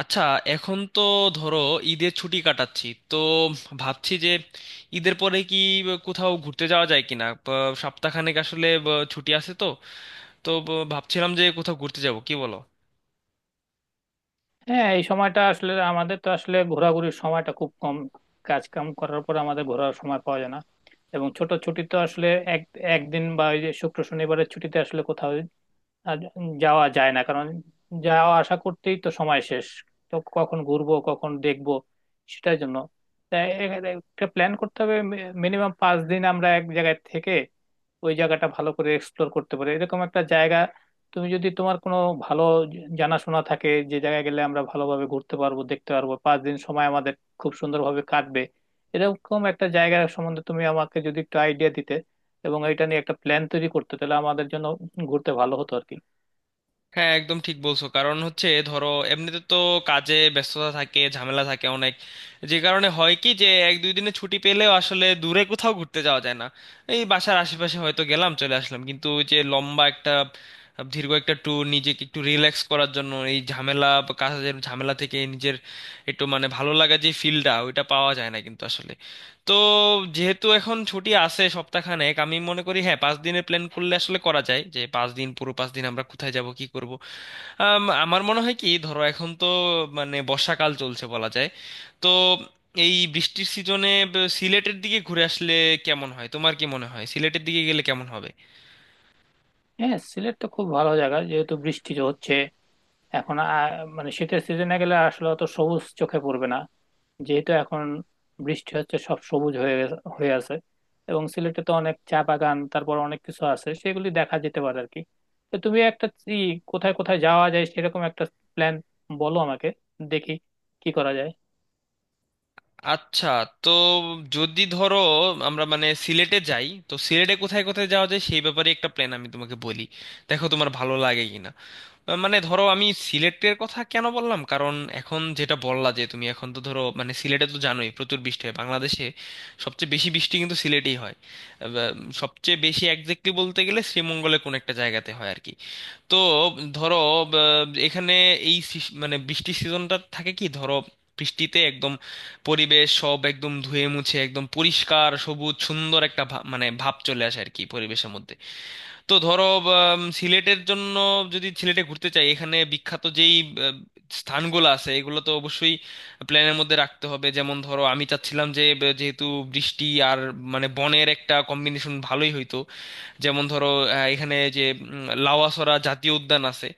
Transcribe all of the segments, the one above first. আচ্ছা, এখন তো ধরো ঈদের ছুটি কাটাচ্ছি। তো ভাবছি যে ঈদের পরে কি কোথাও ঘুরতে যাওয়া যায় কিনা। সপ্তাহখানেক আসলে ছুটি আছে তো তো ব- ভাবছিলাম যে কোথাও ঘুরতে যাব, কি বলো? হ্যাঁ, এই সময়টা আসলে আমাদের তো আসলে ঘোরাঘুরির সময়টা খুব কম। কাজ কাম করার পর আমাদের ঘোরার সময় পাওয়া যায় না। এবং ছোট ছুটি তো আসলে এক একদিন বা ওই যে শুক্র শনিবারের ছুটিতে আসলে কোথাও আর যাওয়া যায় না, কারণ যাওয়া আসা করতেই তো সময় শেষ। তো কখন ঘুরবো, কখন দেখবো সেটার জন্য তাই একটা প্ল্যান করতে হবে। মিনিমাম 5 দিন আমরা এক জায়গায় থেকে ওই জায়গাটা ভালো করে এক্সপ্লোর করতে পারে, এরকম একটা জায়গা। তুমি যদি তোমার কোনো ভালো জানাশোনা থাকে, যে জায়গায় গেলে আমরা ভালোভাবে ঘুরতে পারবো, দেখতে পারবো, 5 দিন সময় আমাদের খুব সুন্দরভাবে কাটবে, এরকম একটা জায়গা সম্বন্ধে তুমি আমাকে যদি একটু আইডিয়া দিতে এবং এটা নিয়ে একটা প্ল্যান তৈরি করতে তাহলে আমাদের জন্য ঘুরতে ভালো হতো আর কি। হ্যাঁ, একদম ঠিক বলছো। কারণ হচ্ছে ধরো এমনিতে তো কাজে ব্যস্ততা থাকে, ঝামেলা থাকে অনেক। যে কারণে হয় কি যে 1 2 দিনে ছুটি পেলেও আসলে দূরে কোথাও ঘুরতে যাওয়া যায় না। এই বাসার আশেপাশে হয়তো গেলাম, চলে আসলাম, কিন্তু ওই যে লম্বা একটা দীর্ঘ একটা ট্যুর নিজেকে একটু রিল্যাক্স করার জন্য এই ঝামেলা বা কাজের ঝামেলা থেকে নিজের একটু মানে ভালো লাগা যে ফিলটা ওইটা পাওয়া যায় না কিন্তু আসলে। তো যেহেতু এখন ছুটি আছে সপ্তাহখানেক, আমি মনে করি হ্যাঁ, 5 দিনের প্ল্যান করলে আসলে করা যায়, যে 5 দিন পুরো 5 দিন আমরা কোথায় যাব, কি করব। আমার মনে হয় কি, ধরো এখন তো মানে বর্ষাকাল চলছে বলা যায়। তো এই বৃষ্টির সিজনে সিলেটের দিকে ঘুরে আসলে কেমন হয়? তোমার কি মনে হয়, সিলেটের দিকে গেলে কেমন হবে? হ্যাঁ, সিলেট তো খুব ভালো জায়গা। যেহেতু বৃষ্টি হচ্ছে এখন মানে শীতের সিজনে গেলে আসলে অত সবুজ চোখে পড়বে না। যেহেতু এখন বৃষ্টি হচ্ছে, সব সবুজ হয়ে হয়ে আছে। এবং সিলেটে তো অনেক চা বাগান, তারপর অনেক কিছু আছে, সেগুলি দেখা যেতে পারে আর কি। তো তুমি একটা ই কোথায় কোথায় যাওয়া যায় সেরকম একটা প্ল্যান বলো আমাকে, দেখি কি করা যায়। আচ্ছা। তো যদি ধরো আমরা মানে সিলেটে যাই, তো সিলেটে কোথায় কোথায় যাওয়া যায় সেই ব্যাপারে একটা প্ল্যান আমি তোমাকে বলি, দেখো তোমার ভালো লাগে কিনা। মানে ধরো আমি সিলেটের কথা কেন বললাম? কারণ এখন যেটা বললা, যে তুমি এখন তো ধরো মানে সিলেটে তো জানোই প্রচুর বৃষ্টি হয়, বাংলাদেশে সবচেয়ে বেশি বৃষ্টি কিন্তু সিলেটেই হয়। আহ, সবচেয়ে বেশি, একজ্যাক্টলি বলতে গেলে শ্রীমঙ্গলে কোন একটা জায়গাতে হয় আর কি। তো ধরো আহ, এখানে মানে বৃষ্টির সিজনটা থাকে কি, ধরো বৃষ্টিতে একদম পরিবেশ সব একদম ধুয়ে মুছে একদম পরিষ্কার সবুজ সুন্দর একটা মানে ভাব চলে আসে আর কি পরিবেশের মধ্যে। তো ধরো সিলেটের জন্য, যদি সিলেটে ঘুরতে চাই, এখানে বিখ্যাত যেই আহ, স্থানগুলো আছে এগুলো তো অবশ্যই প্ল্যানের মধ্যে রাখতে হবে। যেমন ধরো আমি চাচ্ছিলাম যে যেহেতু বৃষ্টি আর মানে বনের একটা কম্বিনেশন ভালোই হইতো। যেমন ধরো এখানে যে লাউয়াছড়া জাতীয় উদ্যান আছে।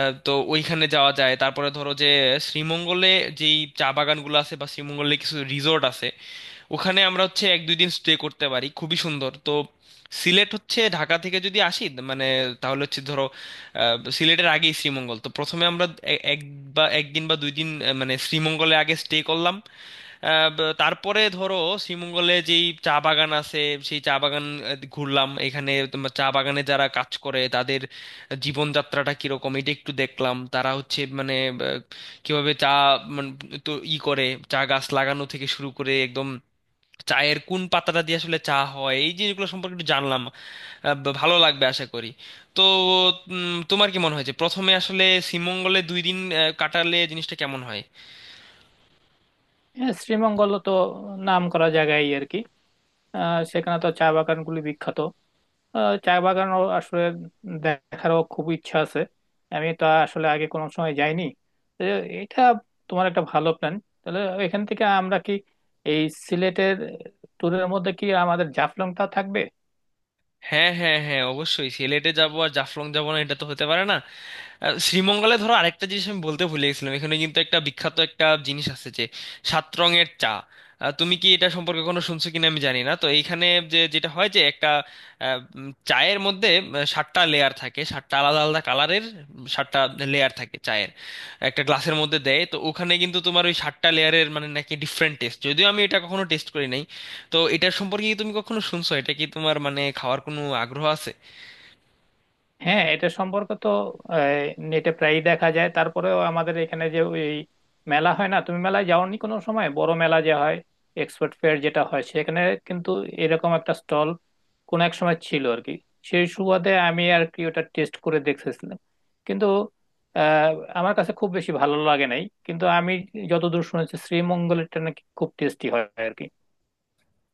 তো ওইখানে যাওয়া যায়। তারপরে ধরো যে শ্রীমঙ্গলে যেই চা বাগানগুলো আছে বা শ্রীমঙ্গলে কিছু রিসোর্ট আছে, ওখানে আমরা হচ্ছে 1 2 দিন স্টে করতে পারি, খুবই সুন্দর। তো সিলেট হচ্ছে ঢাকা থেকে যদি আসি, মানে তাহলে হচ্ছে ধরো সিলেটের আগেই শ্রীমঙ্গল, তো প্রথমে আমরা এক বা একদিন বা 2 দিন মানে শ্রীমঙ্গলে আগে স্টে করলাম। তারপরে ধরো শ্রীমঙ্গলে যেই চা বাগান আছে সেই চা বাগান ঘুরলাম। এখানে তোমার চা বাগানে যারা কাজ করে তাদের জীবনযাত্রাটা কিরকম এটা একটু দেখলাম, তারা হচ্ছে মানে কিভাবে চা, মানে তো ই করে, চা গাছ লাগানো থেকে শুরু করে একদম চায়ের কোন পাতাটা দিয়ে আসলে চা হয় এই জিনিসগুলো সম্পর্কে একটু জানলাম। বা ভালো লাগবে আশা করি। তো তোমার কি মনে হয় যে প্রথমে আসলে শ্রীমঙ্গলে 2 দিন কাটালে জিনিসটা কেমন হয়? হ্যাঁ, শ্রীমঙ্গল তো নাম করা জায়গায় আর কি। সেখানে তো চা বাগানগুলি বিখ্যাত। চা বাগান আসলে দেখারও খুব ইচ্ছা আছে। আমি তো আসলে আগে কোনো সময় যাইনি। তো এটা তোমার একটা ভালো প্ল্যান। তাহলে এখান থেকে আমরা কি এই সিলেটের ট্যুরের মধ্যে কি আমাদের জাফলংটা থাকবে? হ্যাঁ, হ্যাঁ, হ্যাঁ, অবশ্যই সিলেটে যাবো, আর জাফলং যাবো না এটা তো হতে পারে না। শ্রীমঙ্গলে ধরো আরেকটা জিনিস আমি বলতে ভুলে গেছিলাম, এখানে কিন্তু একটা বিখ্যাত একটা জিনিস আছে, যে সাত রঙের চা। তুমি কি এটা সম্পর্কে কোনো শুনছো কিনা আমি জানি না। তো এইখানে যেটা হয় যে একটা চায়ের মধ্যে 7টা লেয়ার থাকে, 7টা আলাদা আলাদা কালারের 7টা লেয়ার থাকে চায়ের, একটা গ্লাসের মধ্যে দেয়। তো ওখানে কিন্তু তোমার ওই 7টা লেয়ারের মানে নাকি ডিফারেন্ট টেস্ট, যদিও আমি এটা কখনো টেস্ট করি নাই। তো এটার সম্পর্কে কি তুমি কখনো শুনছো? এটা কি তোমার মানে খাওয়ার কোনো আগ্রহ আছে? হ্যাঁ, এটা সম্পর্ক তো নেটে প্রায়ই দেখা যায়। তারপরেও আমাদের এখানে যে এই মেলা হয় না, তুমি মেলায় যাওনি কোনো সময়, বড় মেলা যে হয় এক্সপোর্ট ফেয়ার যেটা হয় সেখানে, কিন্তু এরকম একটা স্টল কোন এক সময় ছিল আর কি। সেই সুবাদে আমি আর কি ওটা টেস্ট করে দেখেছিলাম, কিন্তু আহ, আমার কাছে খুব বেশি ভালো লাগে নাই। কিন্তু আমি যতদূর শুনেছি শ্রীমঙ্গলেরটা নাকি খুব টেস্টি হয় আর কি।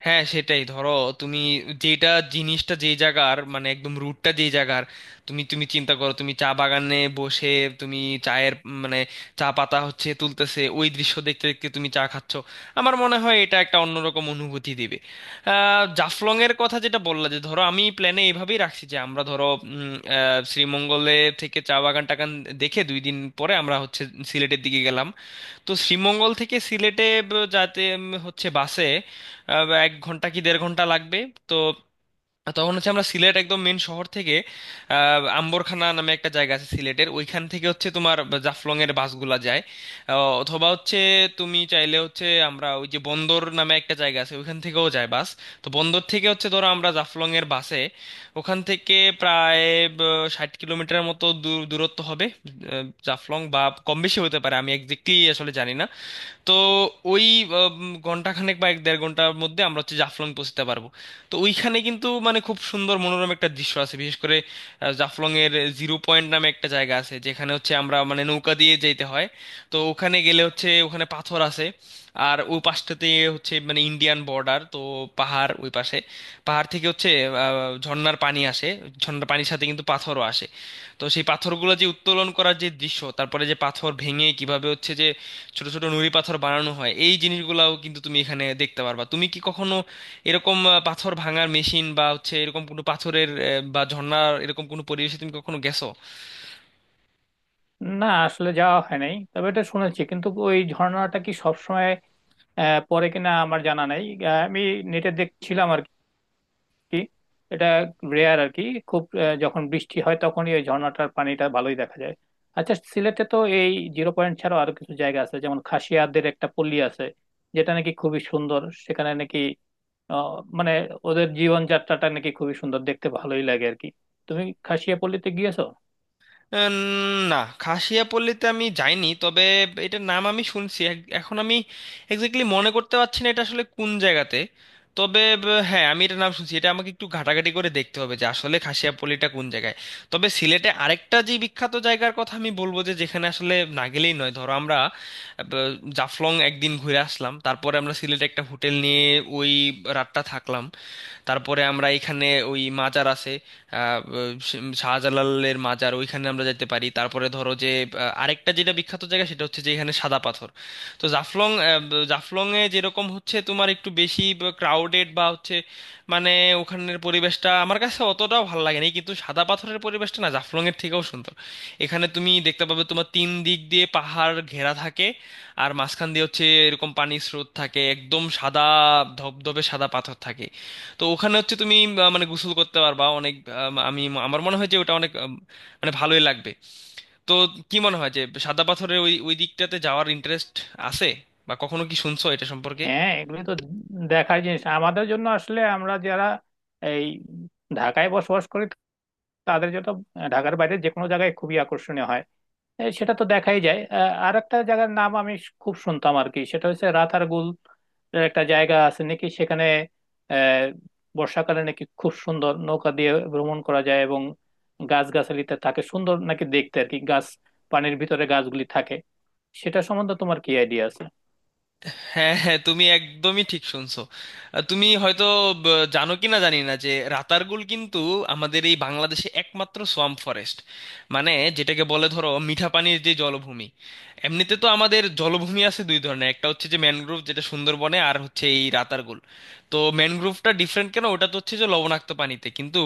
হ্যাঁ, সেটাই ধরো তুমি, যেটা জিনিসটা যে জায়গার মানে একদম রুটটা যে জায়গার। তুমি তুমি চিন্তা করো, তুমি চা বাগানে বসে তুমি চায়ের মানে চা পাতা হচ্ছে তুলতেছে ওই দৃশ্য দেখতে দেখতে তুমি চা খাচ্ছ। আমার মনে হয় এটা একটা অন্যরকম অনুভূতি দিবে। জাফলং এর কথা যেটা বললা, যে ধরো আমি প্ল্যানে এইভাবেই রাখছি যে আমরা ধরো শ্রীমঙ্গলে থেকে চা বাগান টাগান দেখে 2 দিন পরে আমরা হচ্ছে সিলেটের দিকে গেলাম। তো শ্রীমঙ্গল থেকে সিলেটে যাতে হচ্ছে বাসে 1 ঘন্টা কি দেড় ঘন্টা লাগবে। তো তখন হচ্ছে আমরা সিলেট একদম মেন শহর থেকে, আম্বরখানা নামে একটা জায়গা আছে সিলেটের, ওইখান থেকে হচ্ছে তোমার জাফলং এর বাসগুলা যায়। আহ, অথবা হচ্ছে তুমি চাইলে হচ্ছে আমরা ওই যে বন্দর নামে একটা জায়গা আছে, ওইখান থেকেও যায় বাস। তো বন্দর থেকে হচ্ছে ধরো আমরা জাফলং এর বাসে, ওখান থেকে প্রায় 60 কিলোমিটার মতো দূর দূরত্ব হবে জাফলং বা, কম বেশি হতে পারে, আমি একজ্যাক্টলি আসলে জানি না। তো ওই ঘন্টা খানেক বা এক দেড় ঘন্টার মধ্যে আমরা হচ্ছে জাফলং জাফলং পৌঁছতে পারবো। তো ওইখানে কিন্তু মানে খুব সুন্দর মনোরম একটা দৃশ্য আছে, বিশেষ করে জাফলং এর জিরো পয়েন্ট নামে একটা জায়গা আছে যেখানে হচ্ছে আমরা মানে নৌকা দিয়ে যেতে হয়। তো ওখানে গেলে হচ্ছে ওখানে পাথর আছে, আর ওই পাশটাতে হচ্ছে মানে ইন্ডিয়ান বর্ডার, তো পাহাড় ওই পাশে। পাহাড় থেকে হচ্ছে ঝর্ণার পানি আসে, ঝর্ণার পানির সাথে কিন্তু পাথরও আসে। তো সেই পাথরগুলো যে উত্তোলন করার যে দৃশ্য, তারপরে যে পাথর ভেঙে কিভাবে হচ্ছে যে ছোট ছোট নুড়ি পাথর বানানো হয় এই জিনিসগুলাও কিন্তু তুমি এখানে দেখতে পারবা। তুমি কি কখনো এরকম পাথর ভাঙার মেশিন বা হচ্ছে এরকম কোনো পাথরের বা ঝর্ণার এরকম কোনো পরিবেশে তুমি কখনো গেছো? না, আসলে যাওয়া হয় নাই, তবে এটা শুনেছি। কিন্তু ওই ঝর্ণাটা কি সবসময় পরে কিনা আমার জানা নাই। আমি নেটে দেখছিলাম আর কি, এটা রেয়ার আর কি। খুব যখন বৃষ্টি হয় তখনই ওই ঝর্ণাটার পানিটা ভালোই দেখা যায়। আচ্ছা, সিলেটে তো এই জিরো পয়েন্ট ছাড়াও আরো কিছু জায়গা আছে, যেমন খাসিয়াদের একটা পল্লী আছে যেটা নাকি খুবই সুন্দর। সেখানে নাকি আহ, মানে ওদের জীবনযাত্রাটা নাকি খুবই সুন্দর, দেখতে ভালোই লাগে আর কি। তুমি খাসিয়া পল্লীতে গিয়েছো? উম, না, খাসিয়াপল্লিতে আমি যাইনি, তবে এটার নাম আমি শুনছি। এখন আমি এক্স্যাক্টলি মনে করতে পারছি না এটা আসলে কোন জায়গাতে। তবে হ্যাঁ, আমি এটার নাম শুনছি, এটা আমাকে একটু ঘাটাঘাটি করে দেখতে হবে যে আসলে খাসিয়াপল্লিটা কোন জায়গায়। তবে সিলেটে আরেকটা যে বিখ্যাত জায়গার কথা আমি বলবো, যে যেখানে আসলে না গেলেই নয়। ধরো আমরা জাফলং একদিন ঘুরে আসলাম, তারপরে আমরা সিলেটে একটা হোটেল নিয়ে ওই রাতটা থাকলাম। তারপরে আমরা এখানে ওই মাজার আছে, আহ, শাহজালালের মাজার, ওইখানে আমরা যেতে পারি। তারপরে ধরো যে আরেকটা যেটা বিখ্যাত জায়গা, সেটা হচ্ছে যে এখানে সাদা পাথর। তো জাফলংয়ে যেরকম হচ্ছে তোমার একটু বেশি ক্রাউডেড, বা হচ্ছে মানে ওখানের পরিবেশটা আমার কাছে অতটাও ভালো লাগেনি, কিন্তু সাদা পাথরের পরিবেশটা না জাফলং এর থেকেও সুন্দর। এখানে তুমি দেখতে পাবে তোমার তিন দিক দিয়ে পাহাড় ঘেরা থাকে, আর মাঝখান দিয়ে হচ্ছে এরকম পানির স্রোত থাকে, একদম সাদা ধবধবে সাদা পাথর থাকে। তো ওখানে হচ্ছে তুমি মানে গোসল করতে পারবা অনেক। আম, আমি আমার মনে হয় যে ওটা অনেক, মানে ভালোই লাগবে। তো কি মনে হয় যে সাদা পাথরের ওই ওই দিকটাতে যাওয়ার ইন্টারেস্ট আছে? বা কখনো কি শুনছো এটা সম্পর্কে? হ্যাঁ, এগুলো তো দেখার জিনিস। আমাদের জন্য আসলে, আমরা যারা এই ঢাকায় বসবাস করি তাদের জন্য ঢাকার বাইরে যে কোনো জায়গায় খুবই আকর্ষণীয় হয়, সেটা তো দেখাই যায়। আর একটা জায়গার নাম আমি খুব শুনতাম আর কি, সেটা হচ্ছে রাতারগুল। এর একটা জায়গা আছে নাকি, সেখানে আহ বর্ষাকালে নাকি খুব সুন্দর নৌকা দিয়ে ভ্রমণ করা যায় এবং গাছগাছালিতে থাকে সুন্দর নাকি দেখতে আর কি, গাছ পানির ভিতরে গাছগুলি থাকে। সেটা সম্বন্ধে তোমার কি আইডিয়া আছে? হ্যাঁ, হ্যাঁ, তুমি একদমই ঠিক শুনছো। তুমি হয়তো জানো কি না জানি না যে রাতারগুল কিন্তু আমাদের এই বাংলাদেশে একমাত্র সোয়াম্প ফরেস্ট, মানে যেটাকে বলে ধরো মিঠা পানির যে জলভূমি। এমনিতে তো আমাদের জলভূমি আছে দুই ধরনের, একটা হচ্ছে যে ম্যানগ্রোভ যেটা সুন্দরবনে, আর হচ্ছে এই রাতারগুল। তো ম্যানগ্রোভটা ডিফারেন্ট কেন? ওটা তো হচ্ছে যে লবণাক্ত পানিতে, কিন্তু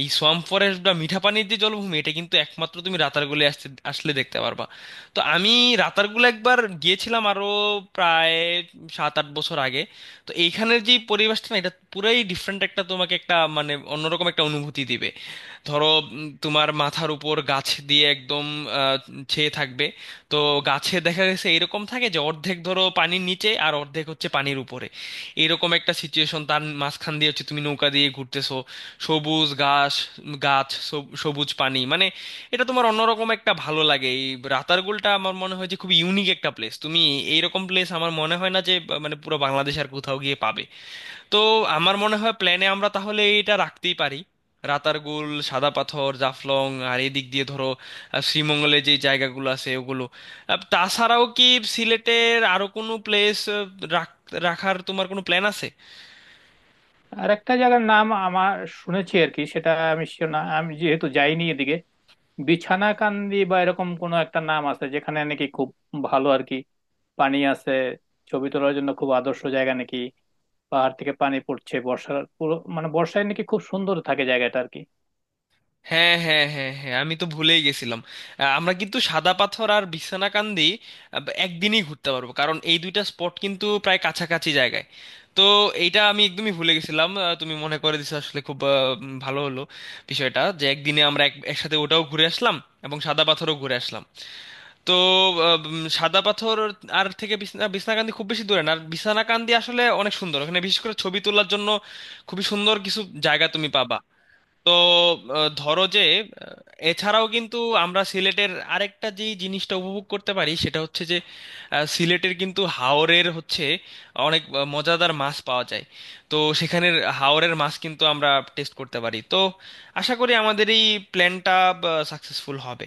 এই সোয়াম্প ফরেস্ট বা মিঠা পানির যে জলভূমি এটা কিন্তু একমাত্র তুমি রাতারগুলে আসতে আসলে দেখতে পারবা। তো আমি রাতারগুল একবার গিয়েছিলাম, আরো প্রায় 7 8 বছর আগে। তো এইখানের যে পরিবেশটা না এটা পুরাই ডিফারেন্ট, একটা তোমাকে একটা মানে অন্যরকম একটা অনুভূতি দিবে। ধরো তোমার মাথার উপর গাছ দিয়ে একদম আহ, ছেয়ে থাকবে। তো গাছে দেখা গেছে এরকম থাকে যে অর্ধেক ধরো পানির নিচে আর অর্ধেক হচ্ছে পানির উপরে, এরকম একটা সিচুয়েশন। তার মাঝখান দিয়ে হচ্ছে তুমি নৌকা দিয়ে ঘুরতেছো, সবুজ ঘাস, গাছ, সবুজ পানি, মানে এটা তোমার অন্যরকম একটা ভালো লাগে। এই রাতারগুলটা আমার মনে হয় যে খুব ইউনিক একটা প্লেস, তুমি এইরকম প্লেস আমার মনে হয় না যে মানে পুরো বাংলাদেশ আর কোথাও গিয়ে পাবে। তো আমার মনে হয় প্ল্যানে আমরা তাহলে এটা রাখতেই পারি — রাতারগুল, সাদা পাথর, জাফলং, আর এদিক দিয়ে ধরো শ্রীমঙ্গলে যে জায়গাগুলো আছে ওগুলো। তাছাড়াও কি সিলেটের আরো কোনো প্লেস রাখার তোমার কোনো প্ল্যান আছে? আর একটা জায়গার নাম আমার শুনেছি আর কি, সেটা আমি sure না, আমি যেহেতু যাইনি এদিকে। বিছানাকান্দি বা এরকম কোনো একটা নাম আছে যেখানে নাকি খুব ভালো আর কি পানি আছে, ছবি তোলার জন্য খুব আদর্শ জায়গা নাকি, পাহাড় থেকে পানি পড়ছে বর্ষার পুরো মানে বর্ষায় নাকি খুব সুন্দর থাকে জায়গাটা আর কি। হ্যাঁ, হ্যাঁ, হ্যাঁ, হ্যাঁ, আমি তো ভুলেই গেছিলাম। আমরা কিন্তু সাদা পাথর আর বিছনাকান্দি আহ, একদিনই ঘুরতে পারবো, কারণ এই দুইটা স্পট কিন্তু প্রায় কাছাকাছি জায়গায়। তো এইটা আমি একদমই ভুলে গেছিলাম, তুমি মনে করে দিছো আসলে, খুব ভালো হলো বিষয়টা যে একদিনে আমরা একসাথে ওটাও ঘুরে আসলাম এবং সাদা পাথরও ঘুরে আসলাম। তো সাদা পাথর আর থেকে বিছনাকান্দি খুব বেশি দূরে না। আর বিছনাকান্দি আসলে অনেক সুন্দর, ওখানে বিশেষ করে ছবি তোলার জন্য খুবই সুন্দর কিছু জায়গা তুমি পাবা। তো ধরো যে এছাড়াও কিন্তু আমরা সিলেটের আরেকটা যে জিনিসটা উপভোগ করতে পারি সেটা হচ্ছে যে সিলেটের কিন্তু হাওরের হচ্ছে অনেক মজাদার মাছ পাওয়া যায়। তো সেখানের হাওরের মাছ কিন্তু আমরা টেস্ট করতে পারি। তো আশা করি আমাদের এই প্ল্যানটা সাকসেসফুল হবে।